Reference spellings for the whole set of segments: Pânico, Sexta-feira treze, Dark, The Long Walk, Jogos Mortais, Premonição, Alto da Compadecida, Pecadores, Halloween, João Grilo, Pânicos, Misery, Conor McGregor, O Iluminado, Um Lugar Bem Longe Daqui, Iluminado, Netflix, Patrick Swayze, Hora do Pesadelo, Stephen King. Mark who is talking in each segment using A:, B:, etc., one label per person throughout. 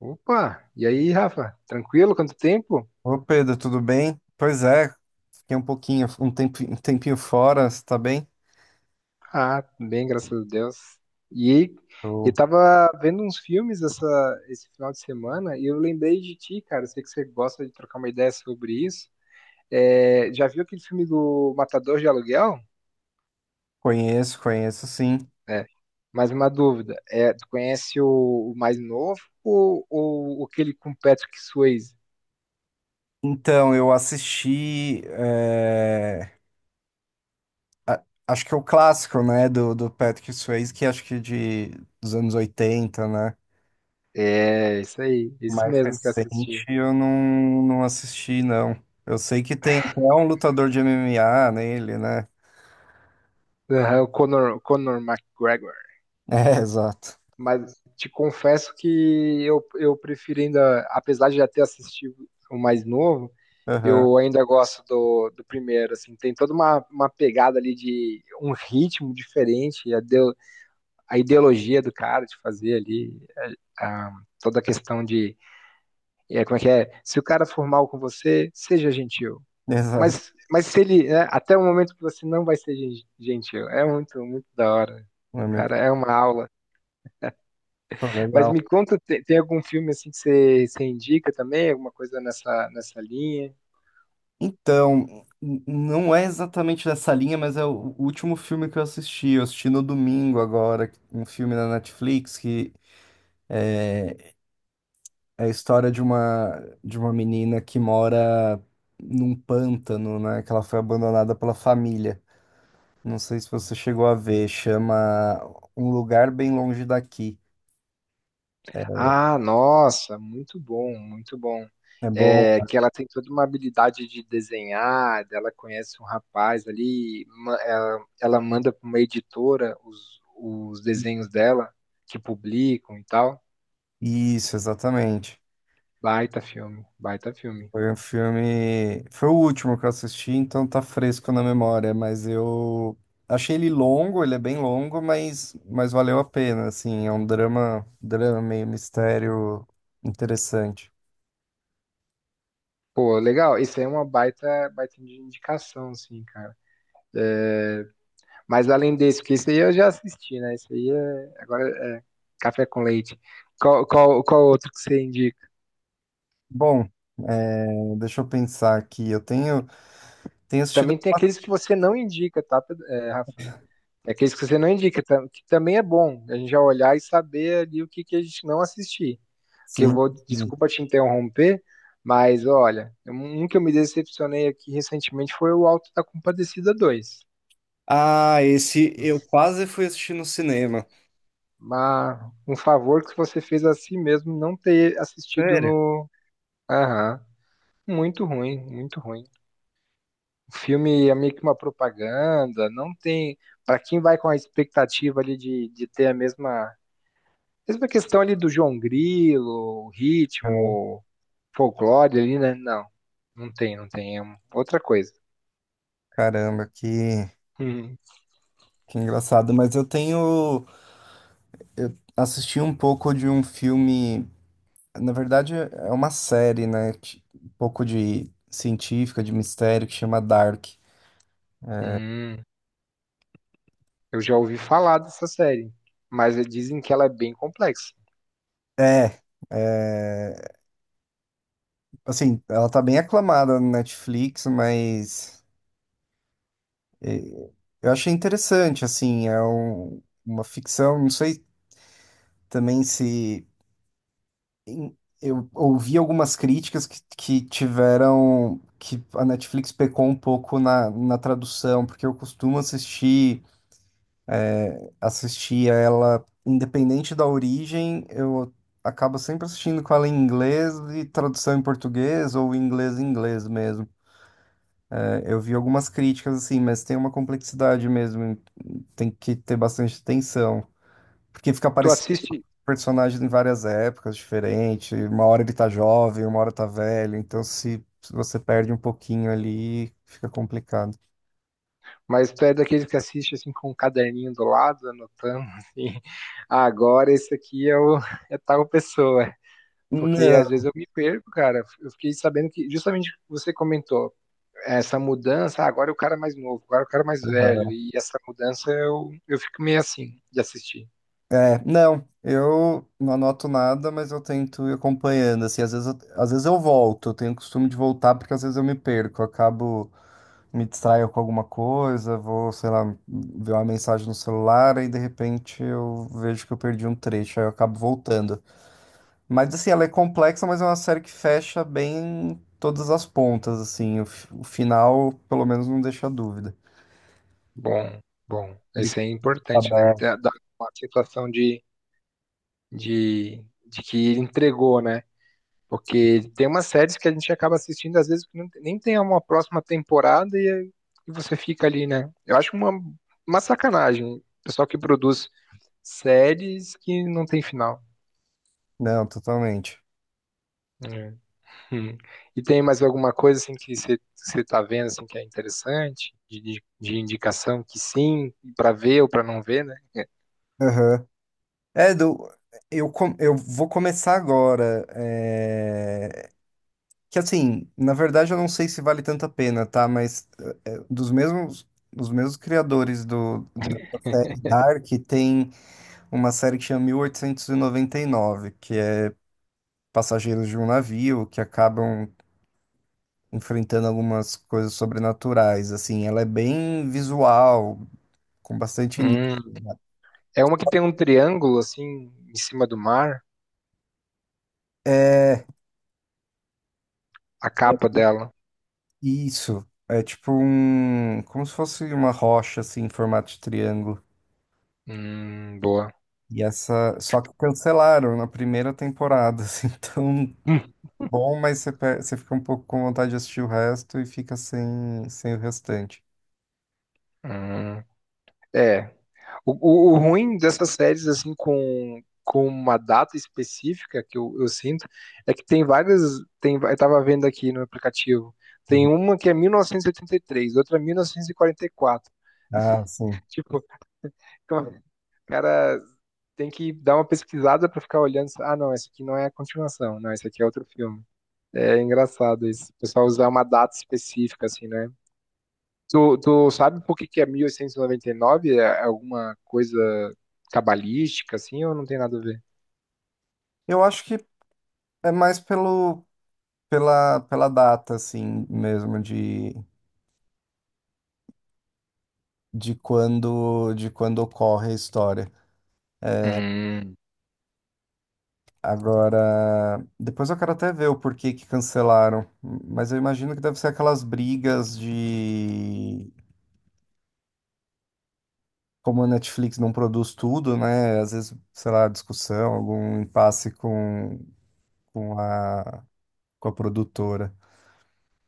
A: Opa! E aí, Rafa? Tranquilo? Quanto tempo?
B: Ô Pedro, tudo bem? Pois é, fiquei um pouquinho, um tempinho fora, você tá bem?
A: Ah, bem, graças a Deus. E aí, eu
B: Eu
A: tava vendo uns filmes esse final de semana e eu lembrei de ti, cara. Eu sei que você gosta de trocar uma ideia sobre isso. É, já viu aquele filme do Matador de Aluguel?
B: Conheço, conheço sim.
A: É. Mais uma dúvida. É, tu conhece o mais novo ou aquele com Patrick Swayze?
B: Então, eu assisti, a- acho que é o clássico, né, do Patrick Swayze, que acho que é dos anos 80, né?
A: É, isso aí, esse
B: Mais
A: mesmo que eu
B: recente
A: assisti.
B: eu não assisti, não. Eu sei que tem até um lutador de MMA nele, né?
A: Aham, o Conor McGregor.
B: É, exato.
A: Mas te confesso que eu prefiro ainda, apesar de já ter assistido o mais novo,
B: Aham,
A: eu ainda gosto do, do primeiro, assim, tem toda uma pegada ali de um ritmo diferente, a, a ideologia do cara de fazer ali, toda a questão de, é, como é que é, se o cara for mal com você, seja gentil,
B: exato.
A: mas se ele, né, até o momento que você não vai ser gentil, é muito, muito da hora,
B: É
A: cara,
B: muito
A: é uma aula. Mas
B: legal.
A: me conta, tem algum filme assim que você indica também? Alguma coisa nessa, nessa linha?
B: Então, não é exatamente nessa linha, mas é o último filme que eu assisti. Eu assisti no domingo agora, um filme na Netflix que é, é a história de uma menina que mora num pântano, né? Que ela foi abandonada pela família. Não sei se você chegou a ver, chama Um Lugar Bem Longe Daqui. É
A: Ah, nossa, muito bom, muito bom.
B: é bom.
A: É, que ela tem toda uma habilidade de desenhar, ela conhece um rapaz ali, ela manda para uma editora os desenhos dela, que publicam e tal.
B: Isso, exatamente.
A: Baita filme, baita filme.
B: Foi um filme. Foi o último que eu assisti, então tá fresco na memória, mas eu achei ele longo, ele é bem longo, mas valeu a pena, assim, é um drama, drama meio mistério interessante.
A: Pô, legal, isso aí é uma baita, baita de indicação, assim, cara. Mas além desse, porque isso aí eu já assisti, né? Isso aí é. Agora Café com leite. Qual outro que você indica?
B: Bom, é, deixa eu pensar aqui. Tenho assistido.
A: Também tem aqueles que você não indica, tá, Rafa? É aqueles que você não indica, que também é bom a gente já olhar e saber ali o que, que a gente não assistir. Que eu
B: Sim.
A: vou,
B: Sim.
A: desculpa te interromper, mas olha, um que eu me decepcionei aqui recentemente foi o Alto da Compadecida dois.
B: Ah, esse eu quase fui assistir no cinema.
A: Mas um favor que você fez a si mesmo não ter assistido
B: Sério?
A: no. Aham. Muito ruim, muito ruim. O filme é meio que uma propaganda, não tem. Para quem vai com a expectativa ali de ter a mesma, mesma questão ali do João Grilo, o
B: É.
A: ritmo, folclore ali, né? Não, não tem, não tem. É outra coisa.
B: Caramba,
A: Hum,
B: que engraçado. Mas eu tenho. Eu assisti um pouco de um filme. Na verdade, é uma série, né? Um pouco de científica, de mistério, que chama Dark.
A: hum. Eu já ouvi falar dessa série, mas dizem que ela é bem complexa.
B: É, é, assim, ela tá bem aclamada no Netflix, mas eu achei interessante, assim, uma ficção, não sei também se em- eu ouvi algumas críticas que tiveram que a Netflix pecou um pouco na tradução, porque eu costumo assistir. Assistia ela, independente da origem, eu acabo sempre assistindo com ela em inglês e tradução em português ou inglês em inglês mesmo. É, eu vi algumas críticas assim, mas tem uma complexidade mesmo, tem que ter bastante atenção, porque fica
A: Tu
B: aparecendo
A: assiste,
B: personagem em várias épocas diferentes, uma hora ele tá jovem, uma hora tá velho, então se você perde um pouquinho ali, fica complicado.
A: mas tu é daqueles que assiste assim com um caderninho do lado, anotando assim. "Ah, agora esse aqui é o é tal pessoa." Porque às
B: Não.
A: vezes eu me perco, cara. Eu fiquei sabendo que, justamente o que você comentou, essa mudança, ah, agora é o cara mais novo, agora é o cara mais velho. E essa mudança eu fico meio assim de assistir.
B: É, não, eu não anoto nada, mas eu tento ir acompanhando, assim, às vezes eu volto, eu tenho o costume de voltar porque às vezes eu me perco, eu acabo, me distraio com alguma coisa, vou, sei lá, ver uma mensagem no celular e de repente eu vejo que eu perdi um trecho, aí eu acabo voltando. Mas, assim, ela é complexa, mas é uma série que fecha bem todas as pontas, assim, o final, pelo menos, não deixa dúvida.
A: Bom, bom.
B: Ele fica
A: Isso é importante, né?
B: aberto.
A: Dar uma sensação de que ele entregou, né? Porque tem umas séries que a gente acaba assistindo, às vezes, que nem tem uma próxima temporada e você fica ali, né? Eu acho uma sacanagem. O pessoal que produz séries que não tem final.
B: Não, totalmente.
A: É. Hum. E tem mais alguma coisa assim que você está vendo assim que é interessante de indicação que sim para ver ou para não ver, né?
B: Aham. É, do, eu, eu vou começar agora. É, que assim, na verdade eu não sei se vale tanto a pena, tá? Mas é, dos mesmos criadores da série Dark, tem uma série que chama 1899 que é passageiros de um navio que acabam enfrentando algumas coisas sobrenaturais. Assim, ela é bem visual, com bastante.
A: Hum. É uma que tem um triângulo assim em cima do mar,
B: É,
A: a capa dela.
B: isso. É tipo um. Como se fosse uma rocha, assim, em formato de triângulo.
A: Boa.
B: E essa. Só que cancelaram na primeira temporada, assim. Então,
A: Hum.
B: bom, mas você fica um pouco com vontade de assistir o resto e fica sem, sem o restante.
A: Hum. É. O ruim dessas séries assim com uma data específica que eu sinto é que tem várias tem eu tava vendo aqui no aplicativo tem
B: Uhum.
A: uma que é 1983 outra 1944.
B: Ah, sim.
A: Tipo, co- cara, tem que dar uma pesquisada pra ficar olhando. Ah, não, esse aqui não é a continuação. Não, esse aqui é outro filme. É engraçado isso. O pessoal usar uma data específica, assim, né? Tu, tu sabe por que que é 1899? É alguma coisa cabalística, assim, ou não tem nada a ver?
B: Eu acho que é mais pela data, assim, mesmo, de quando ocorre a história.
A: Hum,
B: Agora, depois eu quero até ver o porquê que cancelaram, mas eu imagino que deve ser aquelas brigas de como a Netflix não produz tudo, né? Às vezes, sei lá, discussão, algum impasse com a, com a produtora.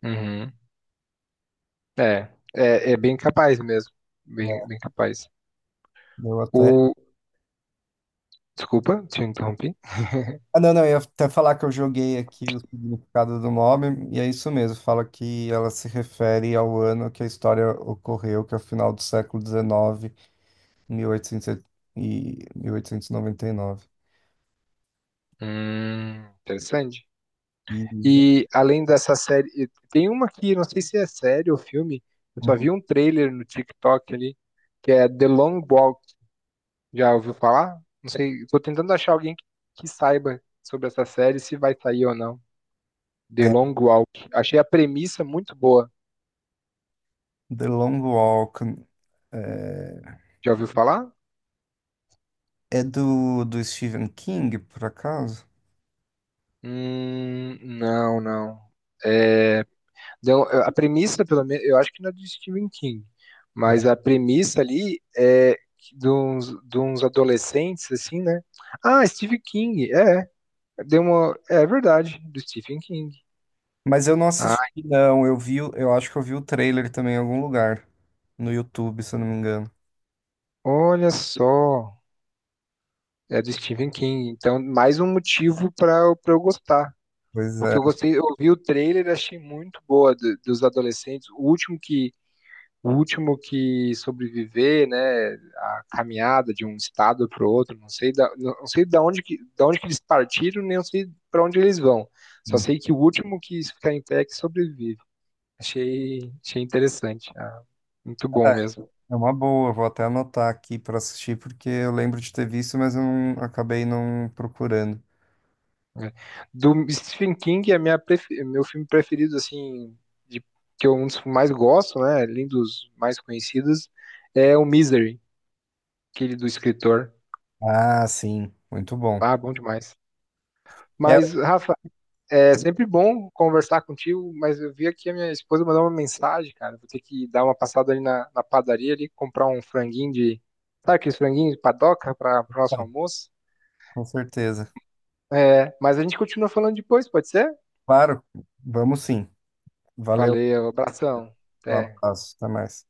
A: uhum. É, é, é bem capaz mesmo.
B: Né,
A: Bem, bem capaz.
B: eu até.
A: O... Desculpa, te interrompi.
B: Ah, não, não, eu ia até falar que eu joguei aqui o significado do nome, e é isso mesmo, fala que ela se refere ao ano que a história ocorreu, que é o final do século dezenove, mil oitocentos 1899
A: Interessante.
B: Isa.
A: E além dessa série, tem uma que não sei se é série ou filme, eu só
B: Uhum.
A: vi um trailer no TikTok ali, que é The Long Walk. Já ouviu falar? Não sei, tô tentando achar alguém que saiba sobre essa série, se vai sair ou não. The
B: É,
A: Long Walk. Achei a premissa muito boa.
B: The Long Walk. É,
A: Já ouviu falar?
B: é do Stephen King, por acaso?
A: Não, não. É, então, a premissa, pelo menos, eu acho que não é do Stephen King,
B: É.
A: mas a premissa ali é que de uns adolescentes, assim, né? Ah, Stephen King, é, deu uma, é é verdade, do Stephen King.
B: Mas eu não
A: Ah,
B: assisti, não. Eu vi, eu acho que eu vi o trailer também em algum lugar. No YouTube, se eu não me engano.
A: olha só, é do Stephen King, então mais um motivo para eu pra eu gostar.
B: Pois
A: Porque
B: é.
A: eu gostei, eu vi o trailer, e achei muito boa dos adolescentes. O último que sobreviver, né, a caminhada de um estado para o outro, não sei da, não sei da onde que eles partiram, nem eu sei para onde eles vão. Só sei que o último que ficar em pé é que sobrevive. Achei, achei interessante. Ah, muito bom
B: Ah,
A: mesmo.
B: é uma boa, vou até anotar aqui para assistir, porque eu lembro de ter visto, mas eu não, acabei não procurando.
A: Né. Do Stephen King é minha meu filme preferido assim, de, que eu um dos que mais gosto, né, além dos mais conhecidos, é o Misery, aquele do escritor.
B: Ah, sim, muito bom.
A: Ah, bom demais.
B: É,
A: Mas, Rafa, é sempre bom conversar contigo, mas eu vi aqui a minha esposa mandou uma mensagem, cara. Vou ter que dar uma passada ali na, na padaria ali, comprar um franguinho de. Sabe aqueles franguinhos de padoca para o nosso almoço?
B: com certeza.
A: É, mas a gente continua falando depois, pode ser?
B: Claro, vamos sim. Valeu,
A: Valeu, abração.
B: um
A: Até.
B: abraço, até mais.